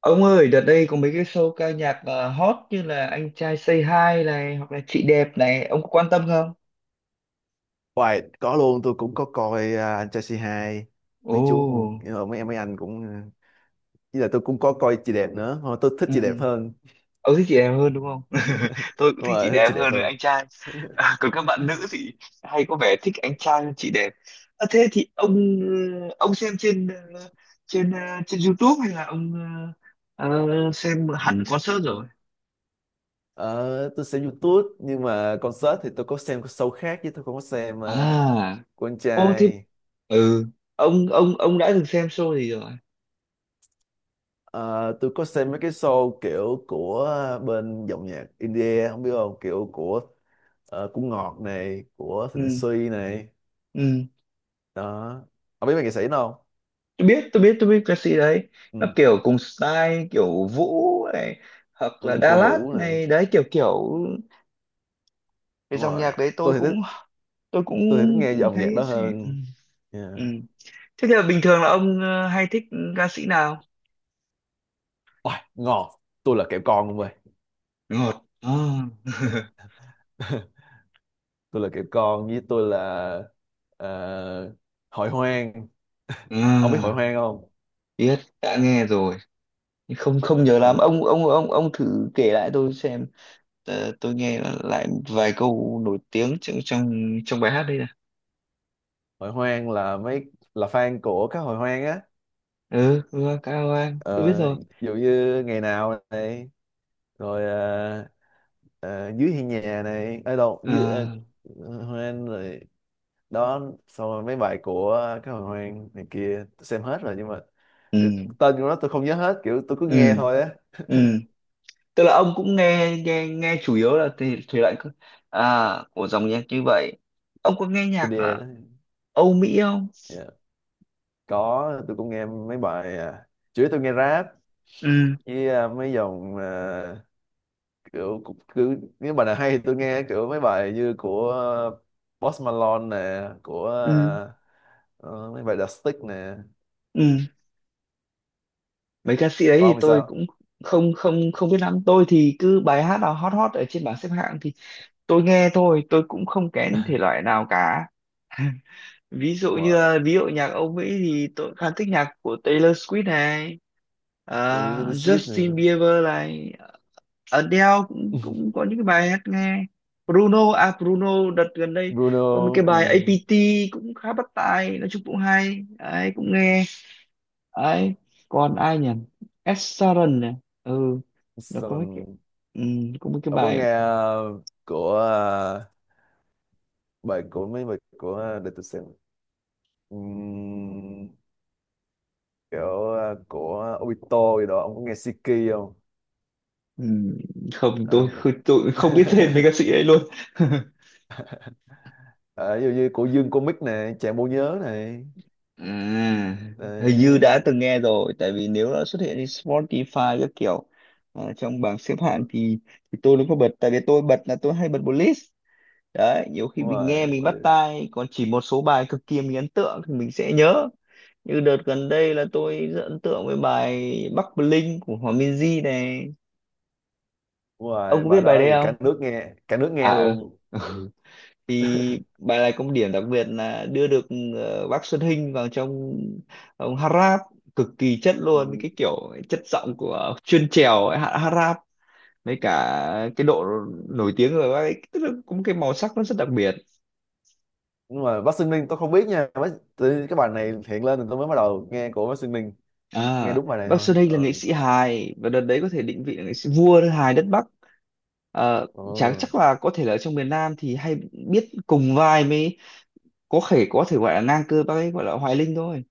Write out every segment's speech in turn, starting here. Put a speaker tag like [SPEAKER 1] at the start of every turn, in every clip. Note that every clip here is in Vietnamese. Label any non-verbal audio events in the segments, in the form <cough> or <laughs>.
[SPEAKER 1] Ông ơi, đợt đây có mấy cái show ca nhạc hot như là Anh trai Say Hi này hoặc là Chị đẹp này, ông có quan tâm không?
[SPEAKER 2] Hoài, có luôn, tôi cũng có coi à, anh trai c hai
[SPEAKER 1] Ồ,
[SPEAKER 2] mấy chú cũng mấy em mấy anh cũng với là tôi cũng có coi chị đẹp nữa. Thôi, tôi thích
[SPEAKER 1] ừ.
[SPEAKER 2] chị đẹp hơn.
[SPEAKER 1] Ông thích chị đẹp hơn đúng không? <laughs>
[SPEAKER 2] <laughs>
[SPEAKER 1] Tôi cũng
[SPEAKER 2] Đúng
[SPEAKER 1] thích chị
[SPEAKER 2] rồi, thích
[SPEAKER 1] đẹp
[SPEAKER 2] chị đẹp
[SPEAKER 1] hơn là
[SPEAKER 2] hơn.
[SPEAKER 1] anh trai.
[SPEAKER 2] <laughs>
[SPEAKER 1] À, còn các bạn nữ thì hay có vẻ thích anh trai hơn chị đẹp. À, thế thì ông xem ờ, trên ờ, trên YouTube hay là ông xem hẳn concert rồi?
[SPEAKER 2] Ờ, tôi xem YouTube nhưng mà concert thì tôi có xem cái show khác chứ tôi không có xem
[SPEAKER 1] À,
[SPEAKER 2] của anh
[SPEAKER 1] ô thế
[SPEAKER 2] trai.
[SPEAKER 1] ừ, ông đã từng xem show gì rồi?
[SPEAKER 2] Ờ, tôi có xem mấy cái show kiểu của bên dòng nhạc India, không biết không, kiểu của của Ngọt này, của Thịnh
[SPEAKER 1] Ừ,
[SPEAKER 2] Suy này
[SPEAKER 1] ừ.
[SPEAKER 2] đó, không biết mấy nghệ sĩ đó.
[SPEAKER 1] Tôi biết ca sĩ đấy, nó
[SPEAKER 2] Ừ.
[SPEAKER 1] kiểu cùng style kiểu Vũ này hoặc
[SPEAKER 2] Ừ,
[SPEAKER 1] là Đà
[SPEAKER 2] cô
[SPEAKER 1] Lạt
[SPEAKER 2] Vũ này,
[SPEAKER 1] này đấy, kiểu kiểu cái
[SPEAKER 2] đúng
[SPEAKER 1] dòng
[SPEAKER 2] rồi.
[SPEAKER 1] nhạc đấy tôi
[SPEAKER 2] tôi thì thích
[SPEAKER 1] cũng tôi cũng
[SPEAKER 2] tôi thì thích nghe dòng nhạc
[SPEAKER 1] thấy
[SPEAKER 2] đó
[SPEAKER 1] sẽ ừ.
[SPEAKER 2] hơn. Yeah.
[SPEAKER 1] Ừ. Thế thì là bình thường là ông hay thích ca sĩ nào,
[SPEAKER 2] Ôi, ngon, tôi là kẹo con luôn ơi.
[SPEAKER 1] ngọt à. <laughs>
[SPEAKER 2] <laughs> Tôi là kẹo con với tôi là ờ, hội hoang. <laughs> Ông biết hội
[SPEAKER 1] À,
[SPEAKER 2] hoang không?
[SPEAKER 1] biết đã nghe rồi nhưng không không nhớ lắm,
[SPEAKER 2] hội,
[SPEAKER 1] ông thử kể lại tôi xem. Ờ, tôi nghe lại vài câu nổi tiếng trong trong trong bài hát đây nè.
[SPEAKER 2] Hội hoang là mấy là fan của các hội hoang á.
[SPEAKER 1] Ừ, Hoa Cao Anh tôi biết
[SPEAKER 2] Ờ,
[SPEAKER 1] rồi.
[SPEAKER 2] ví dụ như ngày nào này rồi dưới hiên nhà này, ở đâu dưới hoang rồi đó. Xong rồi mấy bài của cái hồi hoang này kia tôi xem hết rồi nhưng mà
[SPEAKER 1] Ừ,
[SPEAKER 2] ừ, tên của nó tôi không nhớ hết, kiểu tôi cứ nghe
[SPEAKER 1] ừ,
[SPEAKER 2] thôi á.
[SPEAKER 1] ừ, tức là ông cũng nghe nghe nghe chủ yếu là thể thể loại à của dòng nhạc như vậy. Ông có nghe nhạc
[SPEAKER 2] IDE
[SPEAKER 1] là
[SPEAKER 2] đó.
[SPEAKER 1] Âu Mỹ không?
[SPEAKER 2] Dạ, có, tôi cũng nghe mấy bài chủ yếu tôi nghe rap
[SPEAKER 1] Ừ,
[SPEAKER 2] với mấy dòng kiểu cứ nếu bài nào hay thì tôi nghe, kiểu mấy bài như của Post Malone nè, của
[SPEAKER 1] ừ,
[SPEAKER 2] mấy bài The Stick nè.
[SPEAKER 1] ừ, mấy ca sĩ đấy
[SPEAKER 2] Còn
[SPEAKER 1] thì
[SPEAKER 2] ông thì
[SPEAKER 1] tôi
[SPEAKER 2] sao?
[SPEAKER 1] cũng không không không biết lắm. Tôi thì cứ bài hát nào hot hot ở trên bảng xếp hạng thì tôi nghe thôi, tôi cũng không kén thể loại nào cả. <laughs> Ví dụ
[SPEAKER 2] Đúng
[SPEAKER 1] như
[SPEAKER 2] rồi,
[SPEAKER 1] là- ví dụ nhạc Âu Mỹ thì tôi khá thích nhạc của Taylor Swift này, à,
[SPEAKER 2] With Little Sweet nè.
[SPEAKER 1] Justin Bieber này, Adele cũng cũng
[SPEAKER 2] <laughs>
[SPEAKER 1] có những cái bài hát nghe, Bruno à Bruno đợt gần đây
[SPEAKER 2] Bruno.
[SPEAKER 1] có một cái
[SPEAKER 2] Ừ.
[SPEAKER 1] bài APT cũng khá bắt tai, nói chung cũng hay đấy, cũng nghe đấy. Còn ai nhỉ? Ed Sheeran này, ừ, nó
[SPEAKER 2] Sao?
[SPEAKER 1] có mấy cái, ừ, có mấy cái
[SPEAKER 2] Ông có
[SPEAKER 1] bài.
[SPEAKER 2] nghe ờ, của ờ, bài của mấy bài của để tôi xem. Ừm, kiểu của Obito gì đó, ông có nghe Siki không?
[SPEAKER 1] ừ, Không
[SPEAKER 2] Ờ.
[SPEAKER 1] tôi, tôi không biết tên mấy ca
[SPEAKER 2] <laughs>
[SPEAKER 1] sĩ ấy luôn. <laughs>
[SPEAKER 2] Ờ, ví dụ như của Dương Comic này, Chàng Bộ Nhớ này.
[SPEAKER 1] À, hình như
[SPEAKER 2] Đấy.
[SPEAKER 1] đã từng nghe rồi tại vì nếu đã xuất hiện trên Spotify các kiểu trong bảng xếp hạng
[SPEAKER 2] Đúng
[SPEAKER 1] thì tôi nó có bật, tại vì tôi bật là tôi hay bật một list đấy, nhiều khi mình nghe
[SPEAKER 2] rồi,
[SPEAKER 1] mình bắt tai, còn chỉ một số bài cực kỳ mình ấn tượng thì mình sẽ nhớ. Như đợt gần đây là tôi rất ấn tượng với bài Bắc Bling của Hòa Minzy này,
[SPEAKER 2] đúng
[SPEAKER 1] ông
[SPEAKER 2] rồi,
[SPEAKER 1] có biết
[SPEAKER 2] bài
[SPEAKER 1] bài
[SPEAKER 2] đó
[SPEAKER 1] đấy
[SPEAKER 2] thì
[SPEAKER 1] không?
[SPEAKER 2] cả nước nghe
[SPEAKER 1] À,
[SPEAKER 2] luôn.
[SPEAKER 1] ừ. <laughs> Thì bài này có một điểm đặc biệt là đưa được bác Xuân Hinh vào trong, ông hát rap cực kỳ chất luôn,
[SPEAKER 2] Ừ.
[SPEAKER 1] cái kiểu chất giọng của chuyên trèo ấy, hát hát rap với cả cái độ nổi tiếng của bác ấy, tức là cũng cái màu sắc nó rất đặc biệt.
[SPEAKER 2] Nhưng mà Bắc Ninh tôi không biết nha. Tự nhiên cái bài này hiện lên thì tôi mới bắt đầu nghe của Bắc Ninh, nghe
[SPEAKER 1] À,
[SPEAKER 2] đúng bài này
[SPEAKER 1] bác
[SPEAKER 2] thôi.
[SPEAKER 1] Xuân Hinh là nghệ
[SPEAKER 2] Ừ.
[SPEAKER 1] sĩ hài và đợt đấy có thể định vị là nghệ sĩ vua hài đất Bắc. Ờ, chả
[SPEAKER 2] Ừ.
[SPEAKER 1] chắc là có thể là ở trong miền Nam thì hay biết cùng vai mới, có thể gọi là ngang cơ bác ấy gọi là Hoài Linh thôi.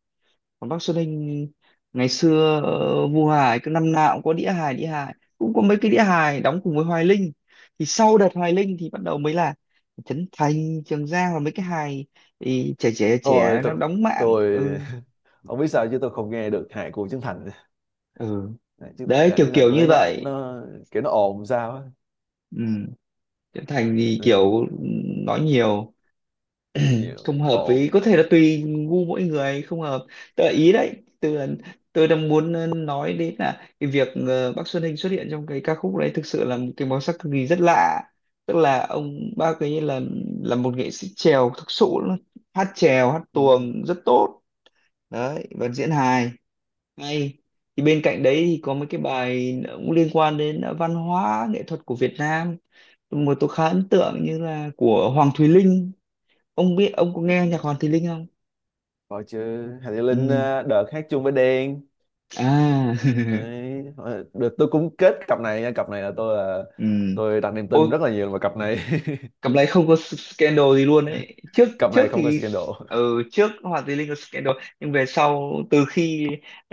[SPEAKER 1] Còn bác Xuân Hinh ngày xưa vua hài cứ năm nào cũng có đĩa hài, cũng có mấy cái đĩa hài đóng cùng với Hoài Linh. Thì sau đợt Hoài Linh thì bắt đầu mới là Trấn Thành, Trường Giang và mấy cái hài thì trẻ trẻ
[SPEAKER 2] Ôi,
[SPEAKER 1] trẻ nó đóng mạng,
[SPEAKER 2] tôi
[SPEAKER 1] ừ,
[SPEAKER 2] <laughs> không biết sao chứ tôi không nghe được hải của Trấn Thành.
[SPEAKER 1] ừ, đấy
[SPEAKER 2] Hải
[SPEAKER 1] kiểu
[SPEAKER 2] Trấn Thành
[SPEAKER 1] kiểu
[SPEAKER 2] tôi
[SPEAKER 1] như
[SPEAKER 2] thấy nó
[SPEAKER 1] vậy.
[SPEAKER 2] nó kiểu nó ồn sao á.
[SPEAKER 1] Ừ. Diễm Thành thì
[SPEAKER 2] Ừ,
[SPEAKER 1] kiểu nói nhiều,
[SPEAKER 2] nó nhiều
[SPEAKER 1] không hợp với,
[SPEAKER 2] ồn.
[SPEAKER 1] có thể là tùy gu mỗi người không hợp. Tôi ý đấy Tôi đang muốn nói đến là cái việc bác Xuân Hinh xuất hiện trong cái ca khúc đấy thực sự là một cái màu sắc cực kỳ rất lạ. Tức là ông bác ấy là một nghệ sĩ chèo thực sự luôn, hát chèo hát
[SPEAKER 2] Ừ.
[SPEAKER 1] tuồng rất tốt đấy và diễn hài hay. Thì bên cạnh đấy thì có mấy cái bài cũng liên quan đến văn hóa nghệ thuật của Việt Nam mà tôi khá ấn tượng như là của Hoàng Thùy Linh, ông biết, ông có nghe nhạc Hoàng Thùy Linh không?
[SPEAKER 2] Rồi chứ, hải Thị Linh
[SPEAKER 1] Ừ.
[SPEAKER 2] à, đợt hát chung với Đen.
[SPEAKER 1] À <laughs>
[SPEAKER 2] Đấy, rồi, được, tôi cũng kết cặp này nha. Cặp này là tôi là
[SPEAKER 1] ừ.
[SPEAKER 2] Tôi đặt niềm tin
[SPEAKER 1] Ôi,
[SPEAKER 2] rất là nhiều vào cặp này.
[SPEAKER 1] cặp này không có scandal gì luôn ấy, trước
[SPEAKER 2] <laughs> Cặp
[SPEAKER 1] trước
[SPEAKER 2] này không có
[SPEAKER 1] thì
[SPEAKER 2] scandal.
[SPEAKER 1] ừ, trước Hoàng Thùy Linh có scandal, nhưng về sau từ khi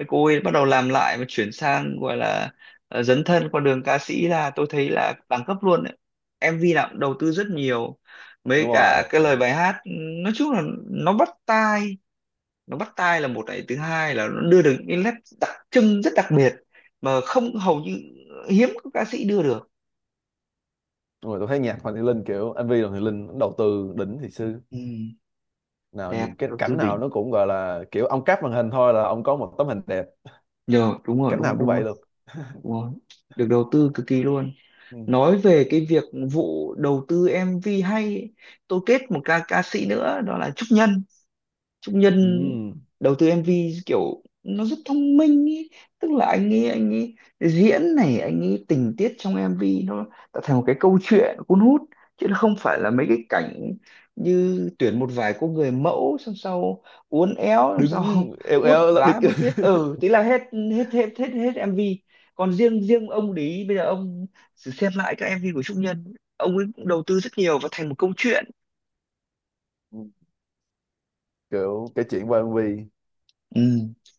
[SPEAKER 1] cô ấy bắt đầu làm lại và chuyển sang gọi là dấn thân qua đường ca sĩ là tôi thấy là đẳng cấp luôn ấy. MV nào cũng đầu tư rất nhiều, mấy
[SPEAKER 2] Đúng
[SPEAKER 1] cả
[SPEAKER 2] rồi.
[SPEAKER 1] cái lời bài hát, nói chung là nó bắt tai là một, này thứ hai là nó đưa được những nét đặc trưng rất đặc biệt mà không, hầu như hiếm có ca sĩ đưa được.
[SPEAKER 2] Đúng rồi, tôi thấy nhạc hoàng Thị Linh, kiểu MV hoàng Thị Linh nó đầu tư đỉnh thì sư,
[SPEAKER 1] Ừ,
[SPEAKER 2] nào
[SPEAKER 1] đẹp,
[SPEAKER 2] nhìn cái
[SPEAKER 1] đầu tư
[SPEAKER 2] cảnh nào
[SPEAKER 1] đỉnh
[SPEAKER 2] nó cũng gọi là kiểu ông cắt màn hình thôi là ông có một tấm hình đẹp,
[SPEAKER 1] nhờ, đúng rồi
[SPEAKER 2] cảnh
[SPEAKER 1] đúng
[SPEAKER 2] nào
[SPEAKER 1] rồi
[SPEAKER 2] cũng
[SPEAKER 1] đúng
[SPEAKER 2] vậy
[SPEAKER 1] rồi.
[SPEAKER 2] luôn.
[SPEAKER 1] Đúng rồi. Được đầu tư cực kỳ luôn.
[SPEAKER 2] Ừ.
[SPEAKER 1] Nói về cái việc vụ đầu tư MV hay ấy, tôi kết một ca ca sĩ nữa đó là Trúc Nhân. Trúc Nhân
[SPEAKER 2] Ừ.
[SPEAKER 1] đầu tư MV kiểu nó rất thông minh ý. Tức là anh ấy diễn này, anh ấy tình tiết trong MV nó tạo thành một cái câu chuyện cuốn hút, chứ nó không phải là mấy cái cảnh như tuyển một vài cô người mẫu, xong sau uốn éo, xong sau
[SPEAKER 2] Đứng
[SPEAKER 1] <laughs>
[SPEAKER 2] eo
[SPEAKER 1] vuốt
[SPEAKER 2] eo là địch.
[SPEAKER 1] vá vuốt
[SPEAKER 2] <laughs>
[SPEAKER 1] viết ừ thế là hết, hết hết hết hết MV. Còn riêng riêng ông Lý, bây giờ ông thử xem lại các MV của Trúc Nhân, ông ấy cũng đầu tư rất nhiều và thành một câu chuyện.
[SPEAKER 2] Ừ, kiểu cái chuyện quan vi.
[SPEAKER 1] Ừ.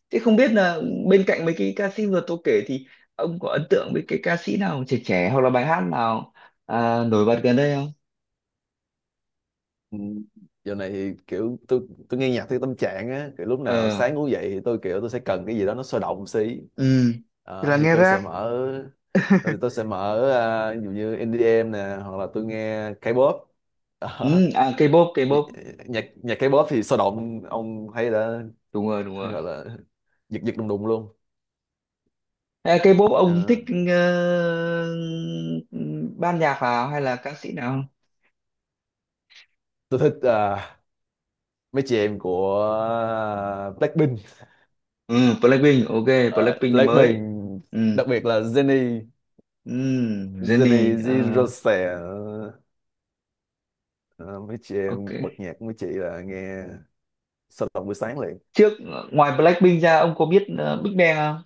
[SPEAKER 1] Thế không biết là bên cạnh mấy cái ca sĩ vừa tôi kể thì ông có ấn tượng với cái ca sĩ nào trẻ trẻ hoặc là bài hát nào nổi bật gần đây không?
[SPEAKER 2] Ừ, giờ này thì kiểu tôi nghe nhạc theo tâm trạng á, kiểu lúc nào
[SPEAKER 1] Ờ.
[SPEAKER 2] sáng ngủ dậy thì tôi kiểu tôi sẽ cần cái gì đó nó sôi động xí.
[SPEAKER 1] Ừ. Thì
[SPEAKER 2] Ờ,
[SPEAKER 1] là
[SPEAKER 2] thì
[SPEAKER 1] nghe
[SPEAKER 2] tôi sẽ
[SPEAKER 1] rap.
[SPEAKER 2] mở ờ, thì tôi sẽ mở ví dụ như EDM nè hoặc là tôi nghe K-pop. Đó.
[SPEAKER 1] Ừ. À K-pop,
[SPEAKER 2] Nhạc,
[SPEAKER 1] K-pop.
[SPEAKER 2] nhạc K-pop thì sôi động, ông thấy đã,
[SPEAKER 1] Đúng
[SPEAKER 2] hay
[SPEAKER 1] rồi.
[SPEAKER 2] gọi là giật giật đùng đùng luôn.
[SPEAKER 1] À, K-pop
[SPEAKER 2] Ờ,
[SPEAKER 1] ông thích ờ, ban nhạc nào hay là ca sĩ nào?
[SPEAKER 2] tôi thích mấy chị em của Blackpink.
[SPEAKER 1] Ừ, Blackpink, ok,
[SPEAKER 2] Ờ,
[SPEAKER 1] Blackpink là
[SPEAKER 2] Blackpink,
[SPEAKER 1] mới. Ừ.
[SPEAKER 2] đặc biệt là Jennie.
[SPEAKER 1] Ừ,
[SPEAKER 2] Jennie
[SPEAKER 1] Jennie, ờ,
[SPEAKER 2] Jirose. Ờ, mấy chị
[SPEAKER 1] ok.
[SPEAKER 2] em bật nhạc của mấy chị là nghe sôi động buổi sáng liền.
[SPEAKER 1] Trước ngoài Blackpink ra, ông có biết Big Bang không?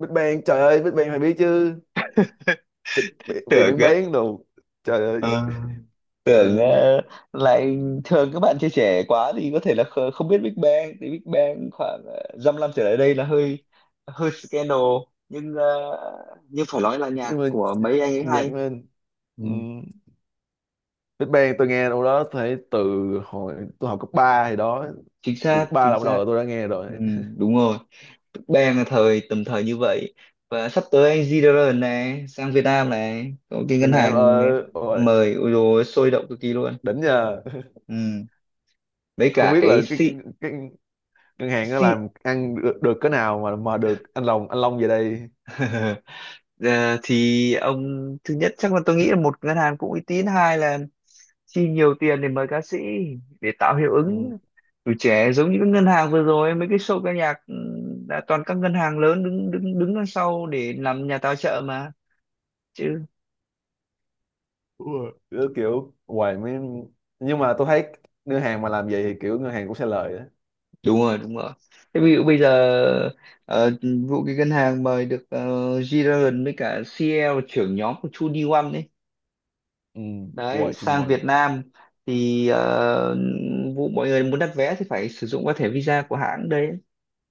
[SPEAKER 2] Big Bang trời ơi, Big Bang phải biết chứ.
[SPEAKER 1] <laughs>
[SPEAKER 2] Big Bang Big
[SPEAKER 1] Tưởng
[SPEAKER 2] Bang
[SPEAKER 1] cơ.
[SPEAKER 2] bán đồ trời ơi.
[SPEAKER 1] Ờ.
[SPEAKER 2] Ờ,
[SPEAKER 1] tưởng ờ, Lại thường các bạn trẻ trẻ quá thì có thể là không biết Big Bang. Thì Big Bang khoảng dăm năm trở lại đây là hơi hơi scandal, nhưng nhưng phải nói là nhạc
[SPEAKER 2] nhưng mà
[SPEAKER 1] của
[SPEAKER 2] ờ,
[SPEAKER 1] mấy anh ấy
[SPEAKER 2] nhạc
[SPEAKER 1] hay.
[SPEAKER 2] lên.
[SPEAKER 1] Ừ,
[SPEAKER 2] Big Bang tôi nghe đâu đó thấy từ hồi tôi học cấp 3 thì đó, từ cấp 3
[SPEAKER 1] chính
[SPEAKER 2] là bắt
[SPEAKER 1] xác.
[SPEAKER 2] đầu tôi đã nghe rồi.
[SPEAKER 1] Ừ,
[SPEAKER 2] <laughs>
[SPEAKER 1] đúng rồi, Big Bang là thời thời như vậy. Và sắp tới anh G-Dragon này sang Việt Nam này, có cái
[SPEAKER 2] Việt
[SPEAKER 1] ngân
[SPEAKER 2] Nam
[SPEAKER 1] hàng
[SPEAKER 2] ơi, ôi
[SPEAKER 1] mời, ôi dồi ôi, sôi động cực kỳ luôn.
[SPEAKER 2] đỉnh nha.
[SPEAKER 1] Ừ, với
[SPEAKER 2] Không
[SPEAKER 1] cả
[SPEAKER 2] biết là
[SPEAKER 1] cái C
[SPEAKER 2] cái ngân hàng nó
[SPEAKER 1] C
[SPEAKER 2] làm ăn được, được cái nào mà được anh Long, anh Long về đây.
[SPEAKER 1] <laughs> Ờ, thì ông thứ nhất chắc là tôi nghĩ là một ngân hàng cũng uy tín, hai là chi nhiều tiền để mời ca sĩ để tạo hiệu
[SPEAKER 2] Ừ,
[SPEAKER 1] ứng tuổi trẻ, giống như các ngân hàng vừa rồi mấy cái show ca nhạc ừ, là toàn các ngân hàng lớn đứng đứng đứng đằng sau để làm nhà tài trợ mà chứ.
[SPEAKER 2] cứ kiểu hoài mới. Nhưng mà tôi thấy ngân hàng mà làm vậy thì kiểu ngân hàng cũng sẽ lời đó.
[SPEAKER 1] Đúng rồi. Thế ví dụ bây giờ ờ, vụ cái ngân hàng mời được G-Dragon với cả CL trưởng nhóm của 2NE1
[SPEAKER 2] Ừ.
[SPEAKER 1] đấy
[SPEAKER 2] Hoài
[SPEAKER 1] sang
[SPEAKER 2] 21.
[SPEAKER 1] Việt Nam, thì vụ mọi người muốn đặt vé thì phải sử dụng qua thẻ visa của hãng đấy,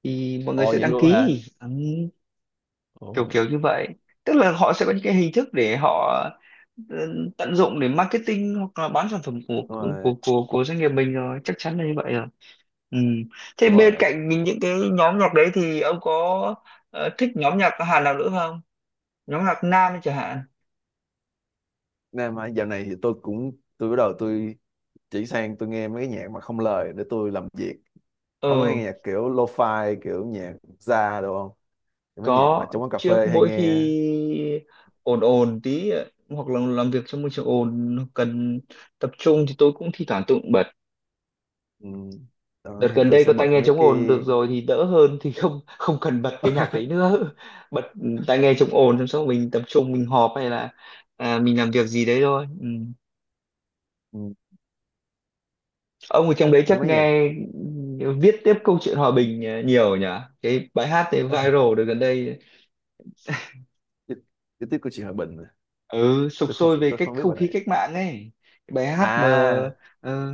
[SPEAKER 1] thì mọi người
[SPEAKER 2] Ồ,
[SPEAKER 1] sẽ
[SPEAKER 2] vậy
[SPEAKER 1] đăng
[SPEAKER 2] luôn hả?
[SPEAKER 1] ký ừ, kiểu
[SPEAKER 2] Ôi,
[SPEAKER 1] kiểu như vậy. Tức là họ sẽ có những cái hình thức để họ ờ, tận dụng để marketing hoặc là bán sản phẩm của
[SPEAKER 2] đúng rồi,
[SPEAKER 1] của doanh nghiệp mình rồi, chắc chắn là như vậy rồi. Ừ. Thế
[SPEAKER 2] đúng
[SPEAKER 1] bên
[SPEAKER 2] rồi.
[SPEAKER 1] cạnh những cái nhóm nhạc đấy thì ông có thích nhóm nhạc Hàn nào nữa không, nhóm nhạc nam chẳng hạn.
[SPEAKER 2] Nên mà dạo này thì tôi cũng tôi bắt đầu tôi chỉ sang tôi nghe mấy cái nhạc mà không lời để tôi làm việc. Ông có hay
[SPEAKER 1] Ừ
[SPEAKER 2] nghe nhạc kiểu lo-fi, kiểu nhạc jazz được không? Mấy nhạc mà
[SPEAKER 1] có,
[SPEAKER 2] trong quán cà
[SPEAKER 1] trước
[SPEAKER 2] phê hay
[SPEAKER 1] mỗi
[SPEAKER 2] nghe.
[SPEAKER 1] khi ồn ồn tí hoặc là làm việc trong môi trường ồn cần tập trung thì tôi cũng thi thoảng tự bật.
[SPEAKER 2] Ừ.
[SPEAKER 1] Đợt
[SPEAKER 2] Đó, thì
[SPEAKER 1] gần
[SPEAKER 2] tôi
[SPEAKER 1] đây
[SPEAKER 2] sẽ
[SPEAKER 1] có tai
[SPEAKER 2] bật
[SPEAKER 1] nghe
[SPEAKER 2] mấy
[SPEAKER 1] chống
[SPEAKER 2] cái.
[SPEAKER 1] ồn được rồi thì đỡ hơn, thì không không cần bật cái nhạc đấy
[SPEAKER 2] <laughs>
[SPEAKER 1] nữa <laughs> bật tai nghe chống ồn xong sau mình tập trung, mình họp hay là mình làm việc gì đấy thôi. Ừ.
[SPEAKER 2] Ừ,
[SPEAKER 1] Ông ở trong đấy
[SPEAKER 2] có
[SPEAKER 1] chắc
[SPEAKER 2] mấy nhạc.
[SPEAKER 1] nghe ừ, viết tiếp câu chuyện hòa bình nhiều nhỉ, cái bài hát đấy
[SPEAKER 2] <laughs>
[SPEAKER 1] viral được gần đây,
[SPEAKER 2] Chi- chi tiết của chị Hòa Bình à.
[SPEAKER 1] ừ sục
[SPEAKER 2] Tôi không,
[SPEAKER 1] sôi về
[SPEAKER 2] tôi
[SPEAKER 1] cách
[SPEAKER 2] không biết
[SPEAKER 1] không
[SPEAKER 2] bài
[SPEAKER 1] khí
[SPEAKER 2] này.
[SPEAKER 1] cách mạng ấy, cái bài hát mà
[SPEAKER 2] À,
[SPEAKER 1] ờ,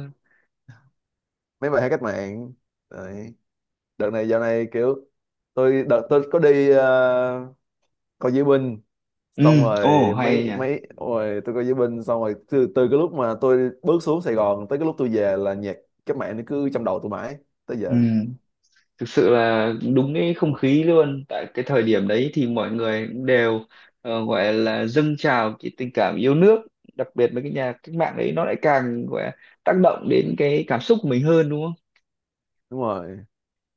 [SPEAKER 2] mấy bài hát cách mạng. Đấy, đợt này dạo này kiểu tôi, đợt tôi có đi coi diễu binh, xong
[SPEAKER 1] ừ. Ồ
[SPEAKER 2] rồi
[SPEAKER 1] hay
[SPEAKER 2] mấy
[SPEAKER 1] nhỉ.
[SPEAKER 2] mấy rồi tôi coi diễu binh xong rồi, từ từ cái lúc mà tôi bước xuống Sài Gòn tới cái lúc tôi về là nhạc cách mạng nó cứ trong đầu tôi mãi tới
[SPEAKER 1] Ừ,
[SPEAKER 2] giờ.
[SPEAKER 1] thực sự là đúng cái
[SPEAKER 2] Ừ,
[SPEAKER 1] không khí luôn, tại cái thời điểm đấy thì mọi người cũng đều gọi là dâng trào cái tình cảm yêu nước. Đặc biệt với cái nhà cách mạng đấy nó lại càng gọi là tác động đến cái cảm xúc của mình hơn, đúng không?
[SPEAKER 2] đúng rồi.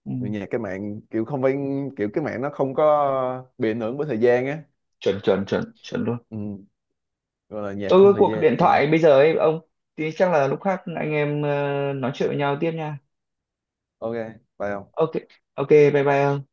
[SPEAKER 1] Ừ.
[SPEAKER 2] Vì nhạc cái mạng kiểu không phải, kiểu cái mạng nó không có bị ảnh hưởng bởi thời gian á.
[SPEAKER 1] chuẩn chuẩn chuẩn chuẩn luôn.
[SPEAKER 2] Ừ, gọi là nhạc
[SPEAKER 1] Tôi
[SPEAKER 2] không
[SPEAKER 1] có
[SPEAKER 2] thời
[SPEAKER 1] cuộc điện
[SPEAKER 2] gian.
[SPEAKER 1] thoại bây giờ ấy ông, thì chắc là lúc khác anh em nói chuyện với nhau tiếp nha.
[SPEAKER 2] Ok, phải không?
[SPEAKER 1] Ok, ok, bye bye ông.